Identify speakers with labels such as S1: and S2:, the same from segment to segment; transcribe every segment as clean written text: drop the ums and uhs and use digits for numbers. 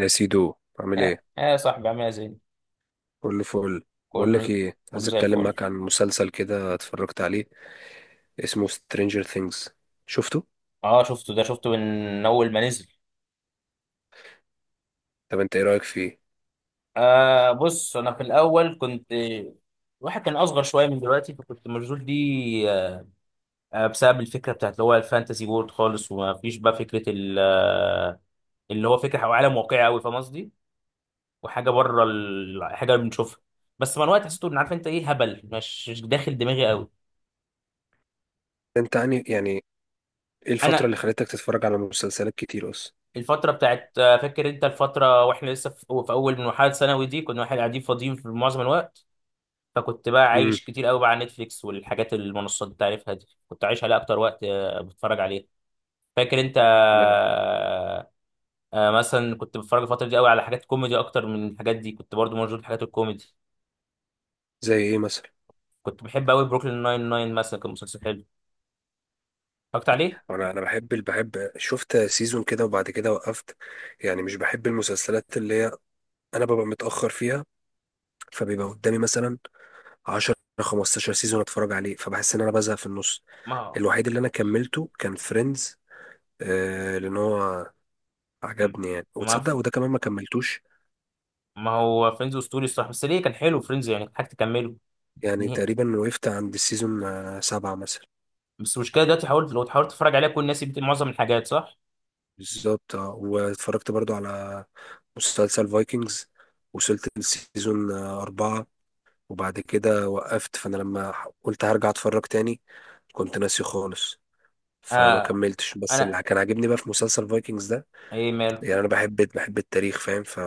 S1: يا سيدو، عامل
S2: يا
S1: ايه؟
S2: يا صاحبي، عامل إيه يا زين؟
S1: كله فل. بقول لك
S2: كله
S1: ايه،
S2: كله
S1: عايز
S2: زي
S1: اتكلم
S2: الفل.
S1: معاك عن مسلسل كده اتفرجت عليه، اسمه Stranger Things. شفته؟
S2: اه، شفته، ده شفته من اول ما نزل.
S1: طب انت ايه رايك فيه؟
S2: بص، انا في الاول كنت، الواحد كان اصغر شويه من دلوقتي، فكنت مشغول دي. بسبب الفكره بتاعت اللي هو الفانتسي وورد خالص، وما فيش بقى فكره اللي هو فكره أو عالم واقعي قوي، فاهم قصدي؟ وحاجه بره الحاجه اللي بنشوفها. بس مع الوقت حسيت ان، عارف انت ايه، هبل، مش داخل دماغي قوي.
S1: انت يعني ايه الفتره
S2: انا
S1: اللي خلتك تتفرج على مسلسلات كتير اصلا؟
S2: الفترة بتاعت، فاكر انت الفترة واحنا لسه في اول من مرحلة ثانوي دي، كنا احنا قاعدين فاضيين في معظم الوقت. فكنت بقى
S1: امم.
S2: عايش كتير قوي بقى على نتفليكس والحاجات المنصات اللي تعرفها دي، كنت عايش عليها اكتر وقت، بتفرج عليها. فاكر انت؟
S1: لا.
S2: مثلا كنت بتفرج الفترة دي قوي على حاجات كوميدي اكتر من الحاجات دي، كنت برضو موجود في حاجات الكوميدي.
S1: زي ايه مثلا؟
S2: كنت بحب قوي بروكلين ناين ناين مثلا، كان مسلسل حلو، اتفرجت عليه.
S1: انا بحب شفت سيزون كده وبعد كده وقفت. يعني مش بحب المسلسلات اللي هي، انا ببقى متاخر فيها، فبيبقى قدامي مثلا 10 15 سيزون اتفرج عليه فبحس ان انا بزهق في النص.
S2: ما هو،
S1: الوحيد اللي انا كملته كان فريندز، آه لان هو عجبني يعني،
S2: ما
S1: وتصدق وده كمان ما كملتوش.
S2: ما هو فريندز اسطوري الصراحة، بس ليه كان حلو فريندز يعني، كنت حاجة تكمله.
S1: يعني تقريبا وقفت عند السيزون سبعة مثلا.
S2: بس المشكله دلوقتي حاولت، لو حاولت تتفرج عليها كل الناس بتقول معظم الحاجات صح.
S1: بالظبط آه. واتفرجت برضو على مسلسل فايكنجز، وصلت للسيزون أربعة وبعد كده وقفت. فأنا لما قلت هرجع أتفرج تاني كنت ناسي خالص فما
S2: آه.
S1: كملتش. بس
S2: انا،
S1: اللي كان عاجبني بقى في مسلسل فايكنجز ده،
S2: ايه ماله؟
S1: يعني أنا بحب التاريخ فاهم؟ ف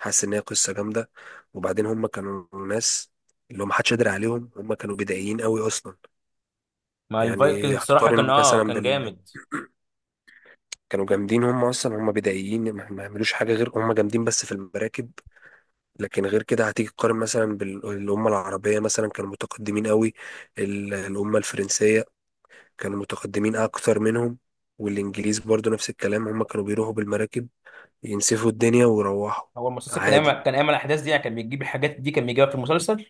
S1: حاسس ان هي قصه جامده، وبعدين هم كانوا ناس اللي هو محدش قادر عليهم، هم كانوا بدائيين قوي اصلا.
S2: ما
S1: يعني
S2: الفايكنج صراحه كان،
S1: هتقارن
S2: اه
S1: مثلا
S2: كان
S1: بال
S2: جامد.
S1: كانوا جامدين هم، اصلا هم بدائيين ما يعملوش حاجه غير هم جامدين بس في المراكب. لكن غير كده هتيجي تقارن مثلا بالامه العربيه، مثلا كانوا متقدمين قوي. الامه الفرنسيه كانوا متقدمين اكتر منهم، والانجليز برضو نفس الكلام، هم كانوا بيروحوا بالمراكب ينسفوا الدنيا ويروحوا.
S2: هو المسلسل كان
S1: عادي.
S2: يعمل كان يعمل الاحداث دي، يعني كان بيجيب الحاجات دي، كان بيجيبها في المسلسل.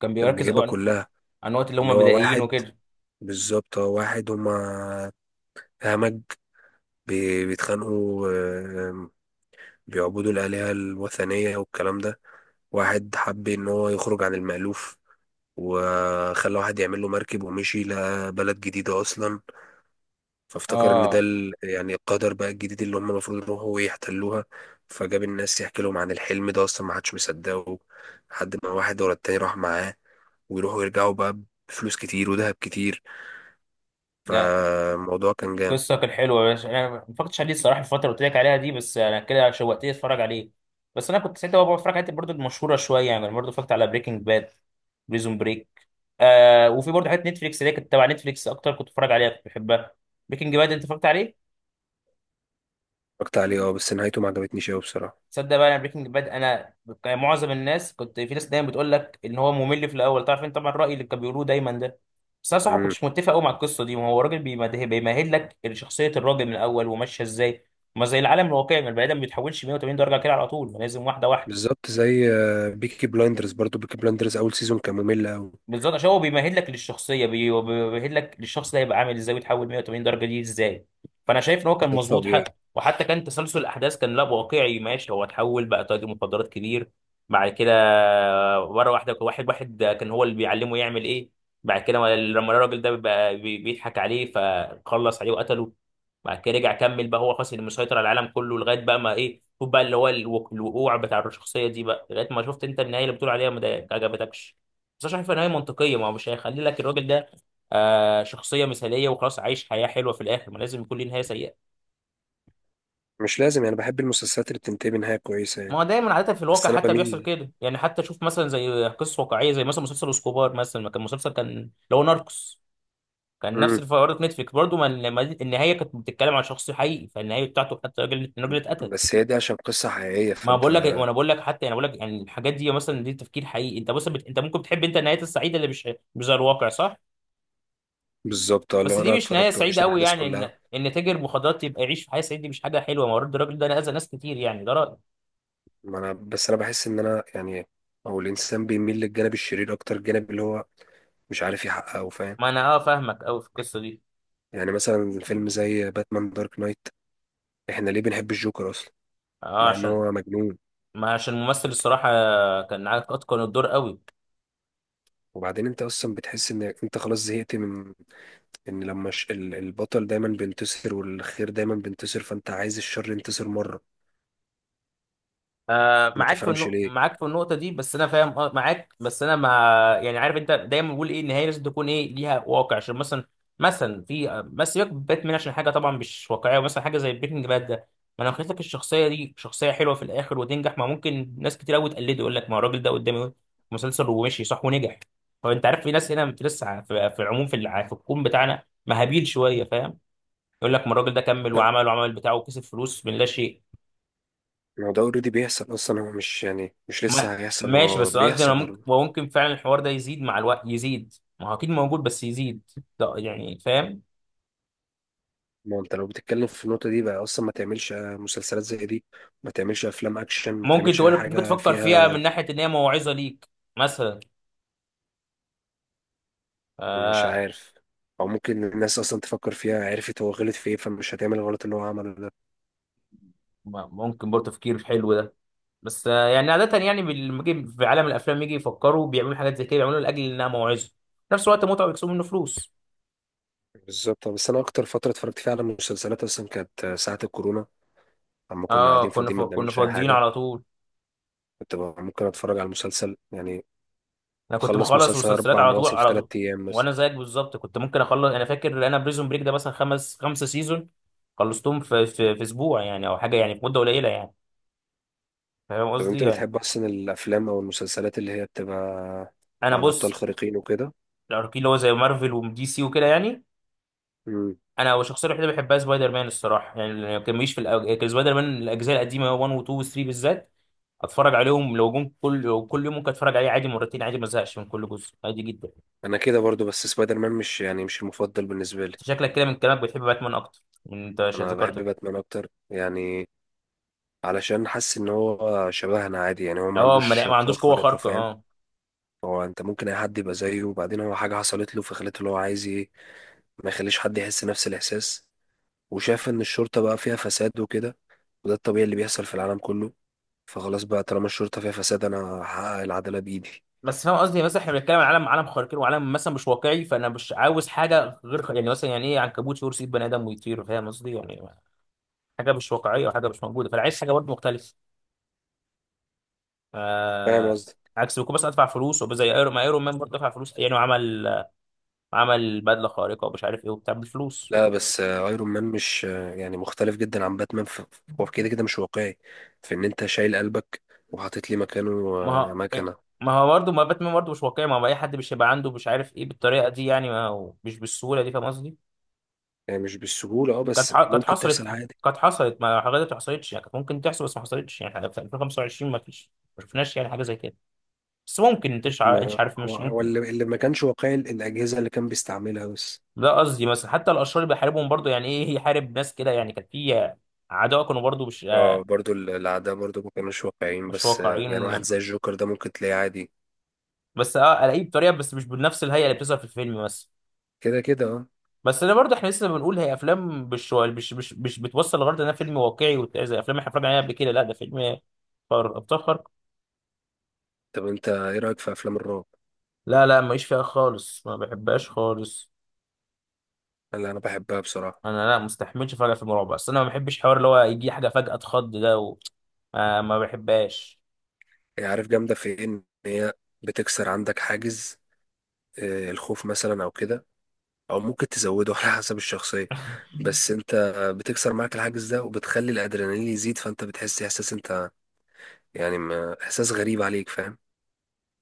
S2: كان
S1: كان
S2: بيركز قوي
S1: بيجيبها
S2: عن
S1: كلها.
S2: عن الوقت اللي
S1: اللي
S2: هم
S1: هو
S2: بدائيين
S1: واحد.
S2: وكده.
S1: بالظبط اه، واحد. هما همج، بيتخانقوا بيعبدوا الآلهة الوثنية والكلام ده. واحد حب إن هو يخرج عن المألوف، وخلى واحد يعمل له مركب ومشي، لقى بلد جديدة أصلا، فافتكر إن ده
S2: اه.
S1: يعني القدر بقى الجديد اللي هم المفروض يروحوا ويحتلوها. فجاب الناس يحكي لهم عن الحلم ده، أصلا ما حدش مصدقه لحد ما واحد ورا التاني راح معاه، ويروحوا يرجعوا بقى بفلوس كتير وذهب كتير.
S2: لا،
S1: فالموضوع كان جامد.
S2: قصه كانت حلوه يا باشا، انا ما فكرتش عليه الصراحه الفتره اللي قلت لك عليها دي، بس انا كده شوقتني اتفرج عليه. بس انا كنت ساعتها بقى بتفرج على الحاجات برضه المشهوره شويه يعني، برضه فكرت على بريكنج باد، بريزون بريك. وفي برضه حاجات نتفليكس اللي هي كانت تبع نتفليكس اكتر، كنت بتفرج عليها، كنت بحبها. بريكنج باد انت اتفرجت عليه؟
S1: اتفرجت عليه اه، بس نهايته ما عجبتنيش قوي بصراحه.
S2: تصدق بقى، انا بريكنج باد انا، كان معظم الناس، كنت في ناس دايما بتقول لك ان هو ممل في الاول، تعرف انت طبعا الراي اللي كانوا بيقولوه دايما ده. بس انا صراحه
S1: امم.
S2: كنتش متفق قوي مع القصه دي، وهو الراجل بيمهد لك شخصيه الراجل من الاول وماشيه ازاي، ما زي العالم الواقعي، ما البني ادم ما بيتحولش 180 درجه كده على طول، ما لازم واحده واحده.
S1: بالظبط، زي بيكي بلايندرز. برضو بيكي بلايندرز اول سيزون كان ممل قوي.
S2: بالظبط، عشان هو بيمهد لك للشخصيه، بيمهد لك للشخص ده هيبقى عامل ازاي ويتحول 180 درجه دي ازاي. فانا شايف ان هو كان
S1: ده
S2: مظبوط،
S1: الطبيعي.
S2: حتى وحتى كان تسلسل الاحداث كان لا واقعي، ماشي، هو اتحول بقى تاجر مخدرات كبير بعد كده، مره واحده، واحد كان هو اللي بيعلمه يعمل ايه، بعد كده لما الراجل ده بقى بيضحك عليه فخلص عليه وقتله، بعد كده رجع كمل بقى هو خلاص اللي مسيطر على العالم كله، لغايه بقى ما، ايه، شوف بقى اللي هو، الوقوع بتاع الشخصيه دي بقى لغايه ما شفت انت النهايه اللي بتقول عليها ما عجبتكش. بس أنا شايف ان هي منطقيه، ما هو مش هيخلي لك الراجل ده شخصيه مثاليه وخلاص عايش حياه حلوه في الاخر، ما لازم يكون ليه نهايه سيئه.
S1: مش لازم يعني، بحب المسلسلات اللي بتنتهي بنهايه كويسه
S2: ما
S1: يعني.
S2: هو دايما عاده في
S1: بس
S2: الواقع
S1: انا
S2: حتى بيحصل
S1: بميل.
S2: كده يعني، حتى شوف مثلا زي قصص واقعيه، زي مثلا مسلسل اسكوبار مثلا، ما كان مسلسل كان اللي هو ناركوس، كان نفس
S1: امم.
S2: الفقرات نتفليكس برضه، ما لما النهايه كانت بتتكلم عن شخص حقيقي، فالنهايه بتاعته حتى الراجل، الراجل اتقتل.
S1: بس هي دي عشان قصه حقيقيه
S2: ما
S1: فانت.
S2: بقول لك، وانا بقول لك حتى يعني بقول لك يعني، الحاجات دي مثلا دي تفكير حقيقي، انت بص، بت... انت ممكن تحب انت النهايات السعيده اللي مش، مش زي الواقع، صح؟
S1: بالظبط اه،
S2: بس
S1: لو
S2: دي
S1: انا
S2: مش نهايه
S1: اتفرجت وعشت
S2: سعيده قوي
S1: الاحداث
S2: يعني، ان
S1: كلها.
S2: ان تاجر مخدرات يبقى يعيش في حياه سعيده، دي مش حاجه حلوه، ما هو برضه الراجل ده انا اذى ناس كتير يعني، ده رايي.
S1: ما انا، بس انا بحس ان انا يعني او الانسان بيميل للجانب الشرير اكتر، الجانب اللي هو مش عارف يحققه فاهم؟
S2: ما انا اه، فاهمك قوي في القصه دي.
S1: يعني مثلا فيلم زي باتمان دارك نايت، احنا ليه بنحب الجوكر اصلا
S2: اه،
S1: مع ان
S2: عشان
S1: هو مجنون؟
S2: ما عشان الممثل الصراحه كان، اتقن الدور قوي.
S1: وبعدين انت اصلا بتحس ان انت خلاص زهقت من ان لما البطل دايما بينتصر والخير دايما بينتصر، فانت عايز الشر ينتصر مره. ما
S2: معاك في
S1: تفهمش ليه.
S2: معاك في النقطة دي، بس أنا فاهم معاك، بس أنا ما، يعني عارف أنت دايما بقول إيه، النهاية لازم تكون إيه ليها واقع، عشان مثلا، مثلا في آه، بس سيبك من باتمان عشان حاجة طبعا مش واقعية، ومثلا حاجة زي بريكنج باد ده، ما أنا قلت لك الشخصية دي شخصية حلوة في الآخر وتنجح، ما ممكن ناس كتير أوي تقلده، يقول لك ما هو الراجل ده قدامي مسلسل ومشي صح ونجح. هو أنت عارف، في ناس هنا، في لسه، في العموم، في الكون بتاعنا مهابيل شوية، فاهم؟ يقول لك ما الراجل ده كمل
S1: لا،
S2: وعمل وعمل بتاعه وكسب فلوس من لا شيء.
S1: هو ده اوريدي بيحصل اصلا، هو مش يعني مش لسه
S2: ما
S1: هيحصل،
S2: ماشي،
S1: هو
S2: بس قصدي انا
S1: بيحصل
S2: ممكن،
S1: already.
S2: وممكن فعلا الحوار ده يزيد مع الوقت يزيد، ما هو اكيد موجود بس يزيد ده يعني، فاهم؟
S1: ما هو انت لو بتتكلم في النقطه دي بقى اصلا، ما تعملش مسلسلات زي دي، ما تعملش افلام اكشن، ما تعملش اي
S2: ممكن
S1: حاجه
S2: تفكر فيها
S1: فيها.
S2: من ناحية ان هي موعظة ليك مثلا.
S1: مش
S2: آه
S1: عارف. او ممكن الناس اصلا تفكر فيها، عرفت هو غلط في ايه فمش هتعمل الغلط اللي هو عمله ده.
S2: ممكن برضه تفكير حلو ده. بس يعني عادة يعني لما يجي في عالم الافلام، يجي يفكروا بيعملوا حاجات زي كده بيعملوا لاجل انها موعظة، في نفس الوقت متعة بيكسبوا منه فلوس.
S1: بالظبط. بس انا اكتر فتره اتفرجت فيها على المسلسلات اصلا كانت ساعه الكورونا، اما كنا
S2: اه،
S1: قاعدين فاضيين ما
S2: كنا
S1: بنعملش اي
S2: فاضيين
S1: حاجه.
S2: على طول.
S1: كنت بقى ممكن اتفرج على مسلسل يعني،
S2: انا كنت
S1: اخلص
S2: بخلص
S1: مسلسل
S2: مسلسلات
S1: اربع
S2: على طول
S1: مواسم في
S2: على
S1: ثلاث
S2: طول.
S1: ايام مثلا.
S2: وانا زيك بالظبط، كنت ممكن اخلص، انا فاكر انا بريزون بريك ده مثلا خمسة سيزون، خلصتهم في في اسبوع يعني، او حاجه يعني، في مده قليله يعني، فاهم
S1: طب
S2: قصدي
S1: انت
S2: يعني؟
S1: بتحب اصلا الافلام او المسلسلات اللي هي بتبقى
S2: انا
S1: عن ابطال
S2: بص،
S1: خارقين وكده؟
S2: الاركي اللي هو زي مارفل ودي سي وكده يعني،
S1: امم.
S2: انا الشخصيه الوحيده اللي بحبها سبايدر مان الصراحه يعني، ما كانش في كان سبايدر مان الاجزاء القديمه 1 و 2 و 3 بالذات، اتفرج عليهم لو كل يوم ممكن اتفرج عليه عادي مرتين عادي، ما ازهقش من كل جزء عادي جدا.
S1: انا كده برضو، بس سبايدر مان مش يعني مش المفضل بالنسبه لي.
S2: شكلك كده من كلامك بتحب باتمان اكتر، من انت
S1: انا بحب
S2: ذكرته.
S1: باتمان اكتر يعني، علشان حاسس ان هو شبهنا عادي، يعني هو ما
S2: اه، ما
S1: عندوش
S2: ما
S1: قوة
S2: عندوش قوه
S1: خارقة
S2: خارقه،
S1: فاهم؟
S2: اه.
S1: هو انت ممكن اي حد يبقى زيه، وبعدين هو حاجة حصلت له فخلته اللي هو عايز ايه، ما يخليش حد يحس نفس الاحساس. وشاف ان الشرطة بقى فيها فساد وكده، وده الطبيعي اللي بيحصل في العالم كله، فخلاص بقى طالما الشرطة فيها فساد انا هحقق العدالة بايدي.
S2: بس فاهم قصدي، مثلا احنا بنتكلم عن عالم، عالم خارقين وعالم مثلا مش واقعي، فانا مش عاوز حاجه غير يعني مثلا يعني ايه، عنكبوت يرسي بني ادم ويطير، فاهم قصدي يعني؟ حاجه مش واقعيه وحاجه مش موجوده، فانا عايز حاجه برضه مختلفه.
S1: فاهم
S2: آه
S1: قصدي؟
S2: عكس بكون بس ادفع فلوس وبقى زي ايرون، ما ايرون مان برضه دفع فلوس يعني، وعمل بدله خارقه ومش عارف ايه وبتاع بالفلوس.
S1: لا بس ايرون مان مش يعني مختلف جدا عن باتمان هو كده كده مش واقعي، في ان انت شايل قلبك وحاطط لي مكانه
S2: ما هو إيه؟
S1: مكنة.
S2: ما هو برضه، ما باتمان برضه مش واقعي، ما هو اي حد مش هيبقى عنده مش عارف ايه بالطريقه دي يعني، ما هو مش بالسهوله دي، فاهم قصدي؟
S1: يعني مش بالسهولة اه،
S2: كانت
S1: بس
S2: ح- كانت
S1: ممكن
S2: حصلت،
S1: تحصل عادي.
S2: كانت حصلت، ما حاجات ما حصلتش يعني، كانت ممكن تحصل بس ما حصلتش يعني، في 2025 ما فيش، ما شفناش يعني حاجه زي كده، بس ممكن انت مش
S1: ما
S2: عارف،
S1: هو
S2: مش
S1: هو
S2: ممكن.
S1: اللي ما كانش واقعي الأجهزة اللي كان بيستعملها بس.
S2: ده قصدي مثلا حتى الاشرار اللي بيحاربهم برضه يعني ايه، يحارب ناس كده يعني، كان في اعداء كانوا برضه
S1: اه برضو الأعداء برضو ما كانوش واقعيين،
S2: مش
S1: بس يعني واحد
S2: واقعيين.
S1: زي الجوكر ده ممكن تلاقيه عادي.
S2: بس الاقيه بطريقه، بس مش بنفس الهيئه اللي بتظهر في الفيلم مثلا.
S1: كده كده اه.
S2: بس انا برضه احنا لسه بنقول هي افلام، مش بتوصل لغرض انها فيلم واقعي، زي افلام احنا اتفرجنا عليها قبل كده، لا ده فيلم ابطال خارقه.
S1: طب انت ايه رأيك في أفلام الرعب؟
S2: لا، لا، ماليش فيها خالص، ما بحبهاش خالص.
S1: اللي أنا بحبها بصراحة.
S2: انا لا مستحملش فجأة في المرعب، بس انا ما بحبش حوار اللي هو يجي حاجه فجأة اتخض ده، و... ما بحبهاش.
S1: هي عارف جامدة في ايه؟ إن هي بتكسر عندك حاجز الخوف مثلا أو كده، أو ممكن تزوده على حسب الشخصية. بس انت بتكسر معاك الحاجز ده وبتخلي الأدرينالين يزيد، فانت بتحس إحساس، انت يعني إحساس غريب عليك فاهم؟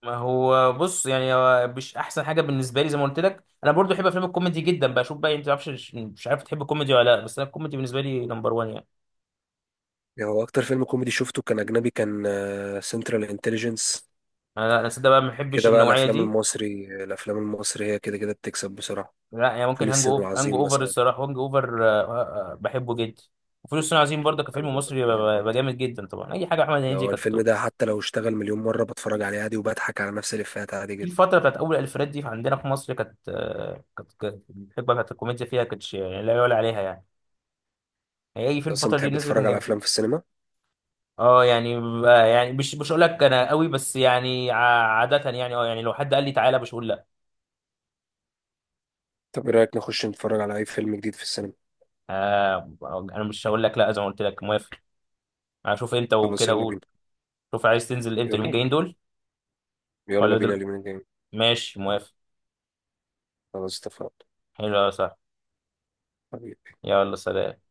S2: ما هو بص يعني، هو مش احسن حاجه بالنسبه لي، زي ما قلت لك انا برضو بحب افلام الكوميدي جدا، بشوف بقى انت تعرفش، مش عارف تحب الكوميدي ولا لا، بس انا الكوميدي بالنسبه لي نمبر 1 يعني.
S1: يعني هو أكتر فيلم كوميدي شفته كان أجنبي، كان سنترال انتليجنس.
S2: انا لا، انا صدق بقى ما بحبش
S1: كده بقى
S2: النوعيه
S1: الافلام
S2: دي.
S1: المصري، الافلام المصري هي كده كده بتكسب بسرعه.
S2: لا يعني، ممكن
S1: فول
S2: هانج
S1: الصين
S2: اوفر، هانج
S1: العظيم
S2: اوفر
S1: مثلا.
S2: الصراحه، هانج اوفر بحبه جدا. وفلوس الصين العظيم برضه
S1: عن
S2: كفيلم
S1: جمل
S2: مصري
S1: كويس برضه.
S2: بجامد جدا، طبعا اي حاجه احمد هنيدي
S1: هو
S2: كانت.
S1: الفيلم ده حتى لو اشتغل مليون مره بتفرج عليه عادي، وبضحك على نفس الافيهات عادي
S2: في
S1: جدا.
S2: الفترة بتاعت أول ألفينات دي عندنا في مصر كانت، كانت الحقبة بتاعت الكوميديا فيها كانتش يعني لا يعلى عليها يعني، يعني أي
S1: انت
S2: فيلم
S1: اصلا
S2: الفترة دي
S1: بتحب
S2: نزل كان
S1: تتفرج على
S2: جامد.
S1: افلام في السينما؟
S2: أه يعني، يعني مش هقول لك أنا قوي، بس يعني عادة يعني، أه يعني لو حد قال لي تعالى مش هقول لأ.
S1: طب ايه رايك نخش نتفرج على اي فيلم جديد في السينما؟
S2: آه، أنا مش هقول لك لأ، زي ما قلت لك موافق، هشوف أنت
S1: خلاص
S2: وكده
S1: يلا
S2: قول.
S1: بينا.
S2: شوف عايز تنزل إمتى اليومين
S1: يلا
S2: الجايين
S1: بينا.
S2: دول؟
S1: يلا
S2: ولا
S1: بينا
S2: دل...
S1: اليومين الجايين.
S2: ماشي، موافق.
S1: خلاص اتفقنا.
S2: حلو يا صاحبي.
S1: حبيبي.
S2: يلا سلام.